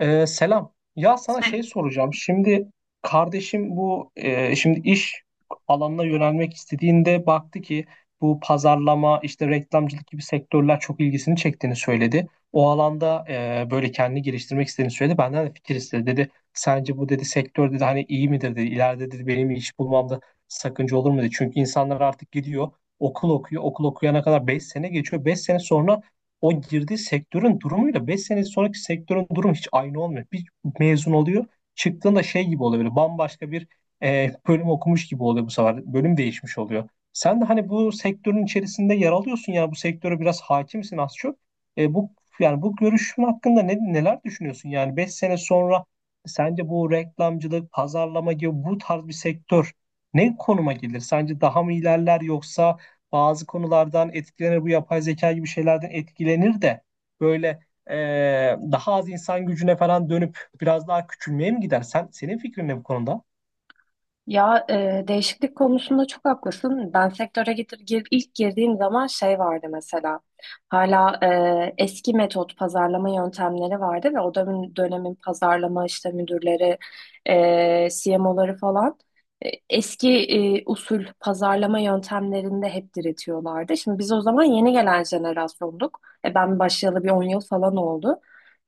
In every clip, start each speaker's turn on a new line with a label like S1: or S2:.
S1: Selam. Ya sana şey
S2: Sen-
S1: soracağım. Şimdi kardeşim bu şimdi iş alanına yönelmek istediğinde baktı ki bu pazarlama işte reklamcılık gibi sektörler çok ilgisini çektiğini söyledi. O alanda böyle kendini geliştirmek istediğini söyledi. Benden de fikir istedi. Dedi sence bu dedi sektör dedi hani iyi midir dedi. İleride dedi benim iş bulmamda sakınca olur mu dedi. Çünkü insanlar artık gidiyor okul okuyor. Okul okuyana kadar 5 sene geçiyor. 5 sene sonra o girdiği sektörün durumuyla 5 sene sonraki sektörün durumu hiç aynı olmuyor. Bir mezun oluyor, çıktığında şey gibi oluyor böyle bambaşka bir bölüm okumuş gibi oluyor bu sefer. Bölüm değişmiş oluyor. Sen de hani bu sektörün içerisinde yer alıyorsun ya, bu sektöre biraz hakimsin az çok. Bu yani bu görüşün hakkında neler düşünüyorsun? Yani 5 sene sonra sence bu reklamcılık, pazarlama gibi bu tarz bir sektör ne konuma gelir? Sence daha mı ilerler yoksa bazı konulardan etkilenir, bu yapay zeka gibi şeylerden etkilenir de böyle e, daha az insan gücüne falan dönüp biraz daha küçülmeye mi gider? Senin fikrin ne bu konuda?
S2: Ya, değişiklik konusunda çok haklısın. Ben sektöre ilk girdiğim zaman şey vardı mesela. Hala eski metot pazarlama yöntemleri vardı ve o dönemin pazarlama işte müdürleri, CMO'ları falan eski usul pazarlama yöntemlerinde hep diretiyorlardı. Şimdi biz o zaman yeni gelen jenerasyonduk. Ben başlayalı bir 10 yıl falan oldu.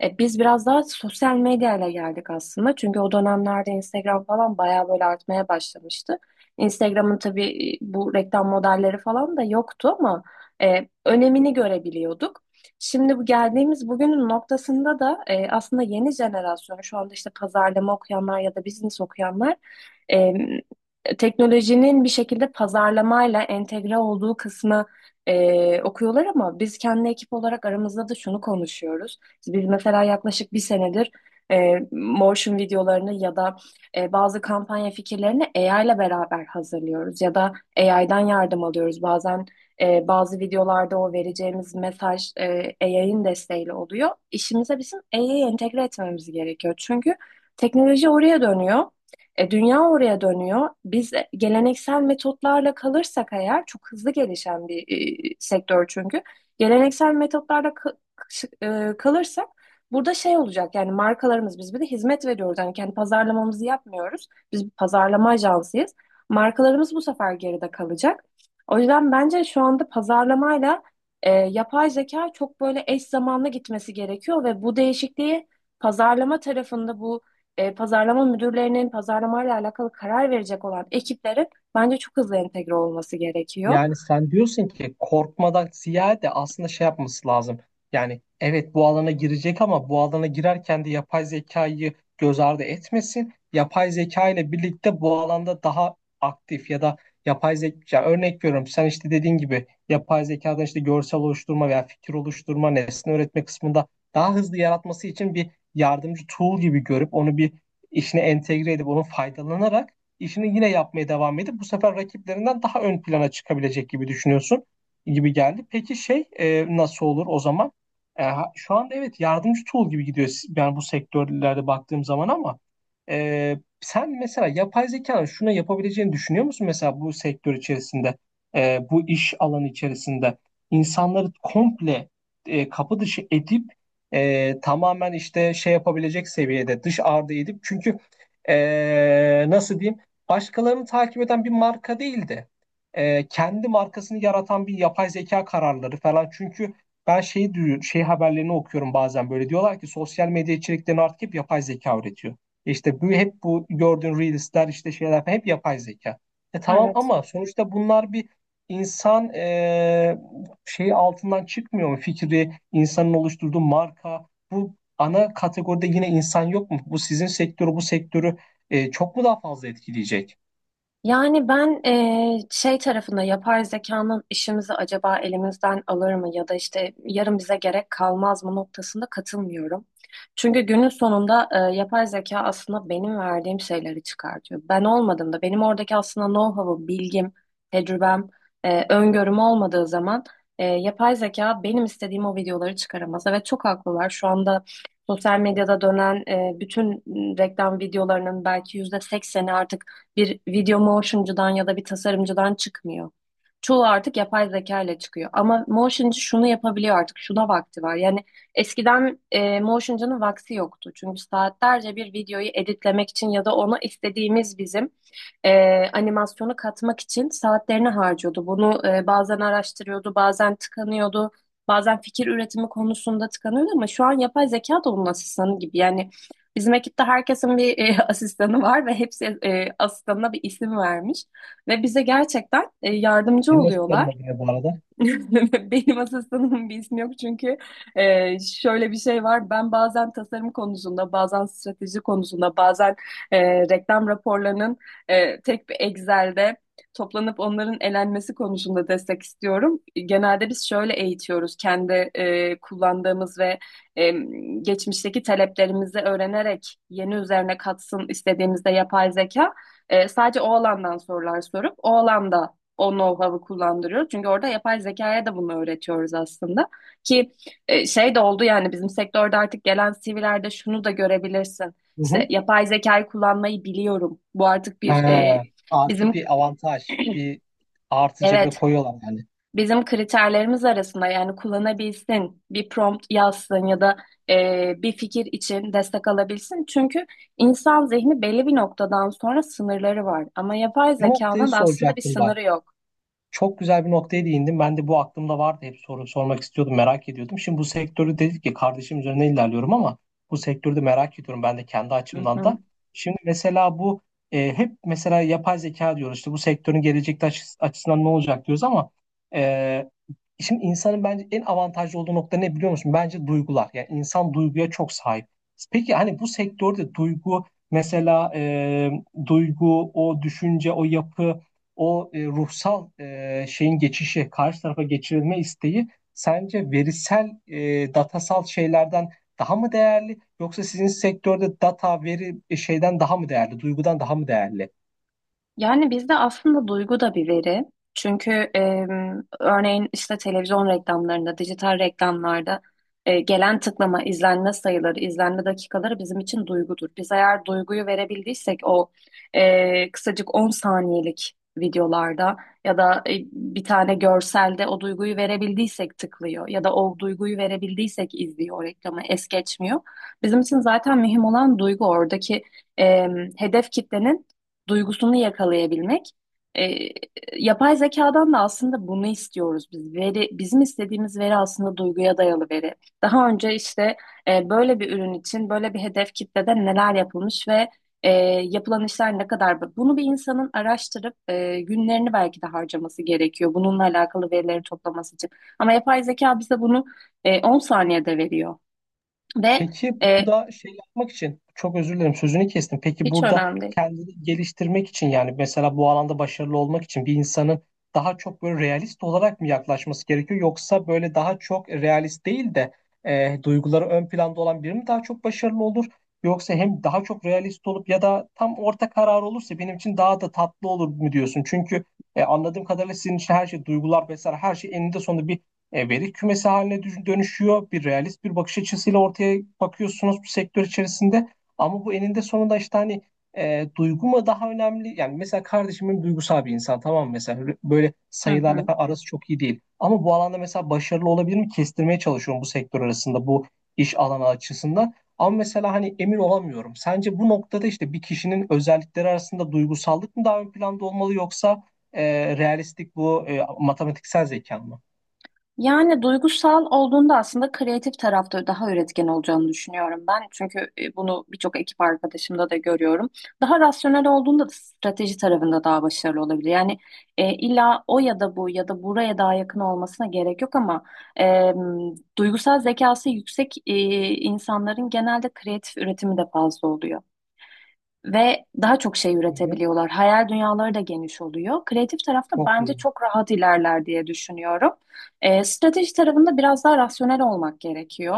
S2: Biz biraz daha sosyal medyayla geldik aslında. Çünkü o dönemlerde Instagram falan bayağı böyle artmaya başlamıştı. Instagram'ın tabii bu reklam modelleri falan da yoktu ama önemini görebiliyorduk. Şimdi bu geldiğimiz bugünün noktasında da aslında yeni jenerasyon şu anda işte pazarlama okuyanlar ya da business okuyanlar e, teknolojinin bir şekilde pazarlamayla entegre olduğu kısmı okuyorlar ama biz kendi ekip olarak aramızda da şunu konuşuyoruz. Biz mesela yaklaşık bir senedir motion videolarını ya da bazı kampanya fikirlerini AI ile beraber hazırlıyoruz ya da AI'dan yardım alıyoruz. Bazen bazı videolarda o vereceğimiz mesaj AI'ın desteğiyle oluyor. İşimize bizim AI'yi entegre etmemiz gerekiyor. Çünkü teknoloji oraya dönüyor. Dünya oraya dönüyor. Biz geleneksel metotlarla kalırsak eğer çok hızlı gelişen bir sektör çünkü. Geleneksel metotlarla kalırsak burada şey olacak, yani markalarımız, biz bir de hizmet veriyoruz. Yani kendi pazarlamamızı yapmıyoruz. Biz bir pazarlama ajansıyız. Markalarımız bu sefer geride kalacak. O yüzden bence şu anda pazarlamayla yapay zeka çok böyle eş zamanlı gitmesi gerekiyor ve bu değişikliği pazarlama tarafında bu pazarlama müdürlerinin, pazarlamayla alakalı karar verecek olan ekiplerin bence çok hızlı entegre olması gerekiyor.
S1: Yani sen diyorsun ki korkmadan ziyade aslında şey yapması lazım. Yani evet, bu alana girecek ama bu alana girerken de yapay zekayı göz ardı etmesin. Yapay zeka ile birlikte bu alanda daha aktif ya da yapay zeka örnek veriyorum, sen işte dediğin gibi yapay zekadan işte görsel oluşturma veya fikir oluşturma, nesne öğretme kısmında daha hızlı yaratması için bir yardımcı tool gibi görüp onu bir işine entegre edip onu faydalanarak işini yine yapmaya devam edip bu sefer rakiplerinden daha ön plana çıkabilecek gibi düşünüyorsun gibi geldi. Peki şey nasıl olur o zaman? Şu anda evet yardımcı tool gibi gidiyor yani bu sektörlerde baktığım zaman ama sen mesela yapay zekanın şunu yapabileceğini düşünüyor musun? Mesela bu sektör içerisinde bu iş alanı içerisinde insanları komple kapı dışı edip tamamen işte şey yapabilecek seviyede dış ardı edip, çünkü nasıl diyeyim, başkalarını takip eden bir marka değil de kendi markasını yaratan bir yapay zeka kararları falan. Çünkü ben şey haberlerini okuyorum bazen, böyle diyorlar ki sosyal medya içeriklerini artık hep yapay zeka üretiyor. İşte bu hep, bu gördüğün reelsler, işte şeyler falan hep yapay zeka. Tamam,
S2: Evet.
S1: ama sonuçta bunlar bir insan şeyi altından çıkmıyor mu? Fikri, insanın oluşturduğu marka, bu ana kategoride yine insan yok mu? Bu sizin sektörü, bu sektörü çok mu daha fazla etkileyecek?
S2: Yani ben şey tarafında, yapay zekanın işimizi acaba elimizden alır mı ya da işte yarın bize gerek kalmaz mı noktasında katılmıyorum. Çünkü günün sonunda yapay zeka aslında benim verdiğim şeyleri çıkartıyor. Ben olmadığımda benim oradaki aslında know-how'ım, bilgim, tecrübem, öngörüm olmadığı zaman yapay zeka benim istediğim o videoları çıkaramaz. Evet, çok haklılar. Şu anda sosyal medyada dönen bütün reklam videolarının belki %80'i artık bir video motioncudan ya da bir tasarımcıdan çıkmıyor. Çoğu artık yapay zeka ile çıkıyor. Ama motioncu şunu yapabiliyor artık: şuna vakti var. Yani eskiden motioncunun vakti yoktu. Çünkü saatlerce bir videoyu editlemek için ya da ona istediğimiz bizim e, animasyonu katmak için saatlerini harcıyordu. Bunu bazen araştırıyordu, bazen tıkanıyordu, bazen fikir üretimi konusunda tıkanıyordu, ama şu an yapay zeka da onun asistanı gibi. Yani bizim ekipte herkesin bir asistanı var ve hepsi asistanına bir isim vermiş. Ve bize gerçekten yardımcı
S1: Senin eskilerin
S2: oluyorlar.
S1: ne diyor bu arada?
S2: Benim asistanımın bir ismi yok, çünkü şöyle bir şey var. Ben bazen tasarım konusunda, bazen strateji konusunda, bazen reklam raporlarının tek bir Excel'de toplanıp onların elenmesi konusunda destek istiyorum. Genelde biz şöyle eğitiyoruz, kendi kullandığımız ve e, geçmişteki taleplerimizi öğrenerek yeni üzerine katsın istediğimizde yapay zeka. Sadece o alandan sorular sorup o alanda o know-how'ı kullandırıyoruz. Çünkü orada yapay zekaya da bunu öğretiyoruz aslında. Ki şey de oldu, yani bizim sektörde artık gelen CV'lerde şunu da görebilirsin:
S1: Hı hı.
S2: İşte yapay zekayı kullanmayı biliyorum. Bu artık bir
S1: Ha, artı
S2: bizim,
S1: bir avantaj, bir artı cebe
S2: evet,
S1: koyuyorlar yani.
S2: bizim kriterlerimiz arasında; yani kullanabilsin, bir prompt yazsın ya da bir fikir için destek alabilsin. Çünkü insan zihni belli bir noktadan sonra sınırları var. Ama yapay
S1: Bu noktayı
S2: zekanın aslında bir
S1: soracaktım bak.
S2: sınırı yok.
S1: Çok güzel bir noktaya değindin. Ben de bu aklımda vardı. Hep soru sormak istiyordum, merak ediyordum. Şimdi bu sektörü dedik ki kardeşim üzerine ilerliyorum ama bu sektörü de merak ediyorum ben de kendi
S2: Hı
S1: açımdan
S2: hı.
S1: da. Şimdi mesela bu hep mesela yapay zeka diyoruz. İşte bu sektörün gelecekte açısından ne olacak diyoruz ama e, şimdi insanın bence en avantajlı olduğu nokta ne biliyor musun? Bence duygular. Yani insan duyguya çok sahip. Peki hani bu sektörde duygu, mesela duygu, o düşünce, o yapı, o ruhsal şeyin geçişi, karşı tarafa geçirilme isteği sence verisel, datasal şeylerden daha mı değerli? Yoksa sizin sektörde data, veri şeyden daha mı değerli? Duygudan daha mı değerli?
S2: Yani bizde aslında duygu da bir veri. Çünkü örneğin işte televizyon reklamlarında, dijital reklamlarda gelen tıklama, izlenme sayıları, izlenme dakikaları bizim için duygudur. Biz eğer duyguyu verebildiysek o kısacık 10 saniyelik videolarda ya da bir tane görselde, o duyguyu verebildiysek tıklıyor ya da o duyguyu verebildiysek izliyor o reklamı, es geçmiyor. Bizim için zaten mühim olan duygu, oradaki hedef kitlenin duygusunu yakalayabilmek. E, yapay zekadan da aslında bunu istiyoruz biz. Veri, bizim istediğimiz veri aslında duyguya dayalı veri. Daha önce işte böyle bir ürün için böyle bir hedef kitlede neler yapılmış ve e, yapılan işler ne kadar. Bunu bir insanın araştırıp günlerini belki de harcaması gerekiyor, bununla alakalı verileri toplaması için. Ama yapay zeka bize bunu 10 saniyede veriyor. Ve
S1: Peki
S2: e,
S1: burada şey yapmak için çok özür dilerim, sözünü kestim. Peki
S2: hiç
S1: burada
S2: önemli değil.
S1: kendini geliştirmek için, yani mesela bu alanda başarılı olmak için bir insanın daha çok böyle realist olarak mı yaklaşması gerekiyor, yoksa böyle daha çok realist değil de duyguları ön planda olan biri mi daha çok başarılı olur? Yoksa hem daha çok realist olup ya da tam orta karar olursa benim için daha da tatlı olur mu diyorsun? Çünkü anladığım kadarıyla sizin için her şey, duygular vesaire, her şey eninde sonunda bir veri kümesi haline dönüşüyor. Bir realist bir bakış açısıyla ortaya bakıyorsunuz bu sektör içerisinde. Ama bu eninde sonunda işte hani duygu mu daha önemli? Yani mesela kardeşimin duygusal bir insan, tamam mı? Mesela böyle böyle
S2: Hı
S1: sayılarla
S2: hı.
S1: falan arası çok iyi değil. Ama bu alanda mesela başarılı olabilir mi? Kestirmeye çalışıyorum bu sektör arasında, bu iş alanı açısından. Ama mesela hani emin olamıyorum. Sence bu noktada işte bir kişinin özellikleri arasında duygusallık mı daha ön planda olmalı, yoksa realistlik, bu matematiksel zeka mı?
S2: Yani duygusal olduğunda aslında kreatif tarafta daha üretken olacağını düşünüyorum ben. Çünkü bunu birçok ekip arkadaşımda da görüyorum. Daha rasyonel olduğunda da strateji tarafında daha başarılı olabilir. Yani illa o ya da bu ya da buraya daha yakın olmasına gerek yok, ama e, duygusal zekası yüksek insanların genelde kreatif üretimi de fazla oluyor ve daha çok şey
S1: Hı hı.
S2: üretebiliyorlar. Hayal dünyaları da geniş oluyor. Kreatif tarafta
S1: Çok
S2: bence
S1: güzel.
S2: çok rahat ilerler diye düşünüyorum. Strateji tarafında biraz daha rasyonel olmak gerekiyor.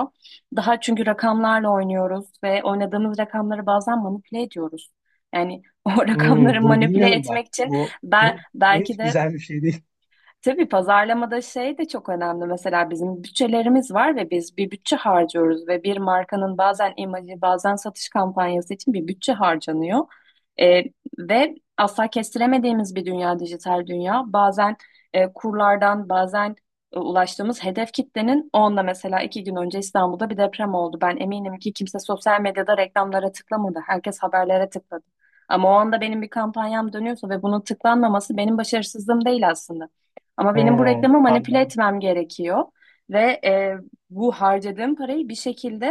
S2: Daha, çünkü rakamlarla oynuyoruz ve oynadığımız rakamları bazen manipüle ediyoruz. Yani o rakamları
S1: Hmm, bunu
S2: manipüle
S1: bilmiyordum bak.
S2: etmek için
S1: Bu,
S2: ben
S1: bu, bu
S2: belki
S1: hiç
S2: de...
S1: güzel bir şey değil.
S2: Tabii pazarlamada şey de çok önemli. Mesela bizim bütçelerimiz var ve biz bir bütçe harcıyoruz ve bir markanın bazen imajı, bazen satış kampanyası için bir bütçe harcanıyor. Ee, ve asla kestiremediğimiz bir dünya, dijital dünya. Bazen kurlardan, bazen ulaştığımız hedef kitlenin, onunla, mesela 2 gün önce İstanbul'da bir deprem oldu. Ben eminim ki kimse sosyal medyada reklamlara tıklamadı. Herkes haberlere tıkladı. Ama o anda benim bir kampanyam dönüyorsa ve bunun tıklanmaması benim başarısızlığım değil aslında. Ama benim bu
S1: Hmm,
S2: reklamı manipüle
S1: anladım.
S2: etmem gerekiyor ve bu harcadığım parayı bir şekilde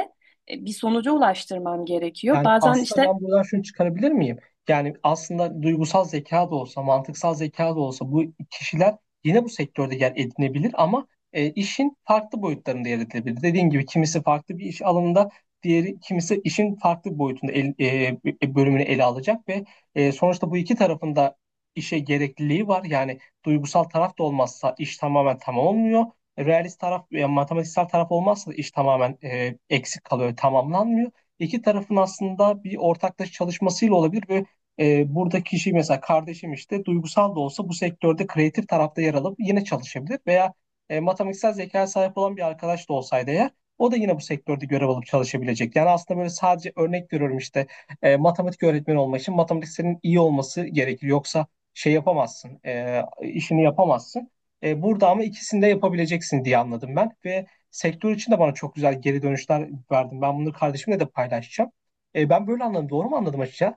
S2: bir sonuca ulaştırmam gerekiyor.
S1: Yani
S2: Bazen
S1: aslında
S2: işte...
S1: ben buradan şunu çıkarabilir miyim? Yani aslında duygusal zeka da olsa, mantıksal zeka da olsa bu kişiler yine bu sektörde yer edinebilir ama işin farklı boyutlarında yer edinebilir. Dediğim gibi kimisi farklı bir iş alanında, diğeri kimisi işin farklı bir boyutunda, bölümünü ele alacak ve sonuçta bu iki tarafında işe gerekliliği var. Yani duygusal taraf da olmazsa iş tamamen tamam olmuyor. Realist taraf, yani matematiksel taraf olmazsa da iş tamamen eksik kalıyor, tamamlanmıyor. İki tarafın aslında bir ortaklaşa çalışmasıyla olabilir ve buradaki kişi mesela kardeşim işte duygusal da olsa bu sektörde kreatif tarafta yer alıp yine çalışabilir veya matematiksel zekaya sahip olan bir arkadaş da olsaydı eğer o da yine bu sektörde görev alıp çalışabilecek. Yani aslında böyle, sadece örnek veriyorum, işte matematik öğretmeni olmak için matematiksenin iyi olması gerekir. Yoksa şey yapamazsın, işini yapamazsın. Burada ama ikisini de yapabileceksin diye anladım ben ve sektör için de bana çok güzel geri dönüşler verdin. Ben bunları kardeşimle de paylaşacağım. Ben böyle anladım. Doğru mu anladım açıkça?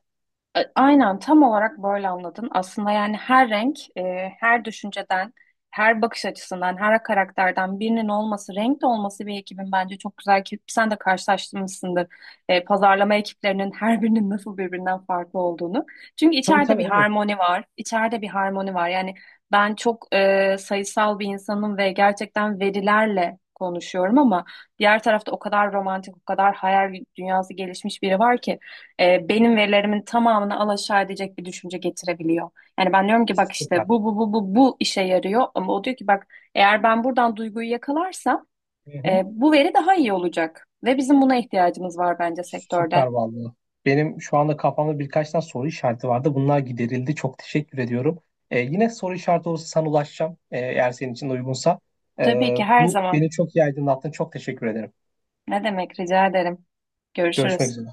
S2: Aynen, tam olarak böyle anladın. Aslında yani her renk, her düşünceden, her bakış açısından, her karakterden birinin olması, renk de olması bir ekibin bence çok güzel, ki sen de karşılaştırmışsındır. Pazarlama ekiplerinin her birinin nasıl birbirinden farklı olduğunu. Çünkü
S1: Tabii
S2: içeride
S1: tabii,
S2: bir
S1: evet.
S2: harmoni var. İçeride bir harmoni var. Yani ben çok sayısal bir insanım ve gerçekten verilerle konuşuyorum, ama diğer tarafta o kadar romantik, o kadar hayal dünyası gelişmiş biri var ki benim verilerimin tamamını alaşağı edecek bir düşünce getirebiliyor. Yani ben diyorum ki bak
S1: Süper.
S2: işte bu bu bu bu bu işe yarıyor, ama o diyor ki bak, eğer ben buradan duyguyu yakalarsam
S1: Hı hı.
S2: bu veri daha iyi olacak ve bizim buna ihtiyacımız var bence sektörde.
S1: Süper vallahi. Benim şu anda kafamda birkaç tane soru işareti vardı. Bunlar giderildi. Çok teşekkür ediyorum. Yine soru işareti olursa sana ulaşacağım. Eğer senin için de uygunsa. E,
S2: Tabii ki, her
S1: Bu beni
S2: zaman.
S1: çok iyi aydınlattın. Çok teşekkür ederim.
S2: Ne demek, rica ederim.
S1: Görüşmek
S2: Görüşürüz.
S1: üzere.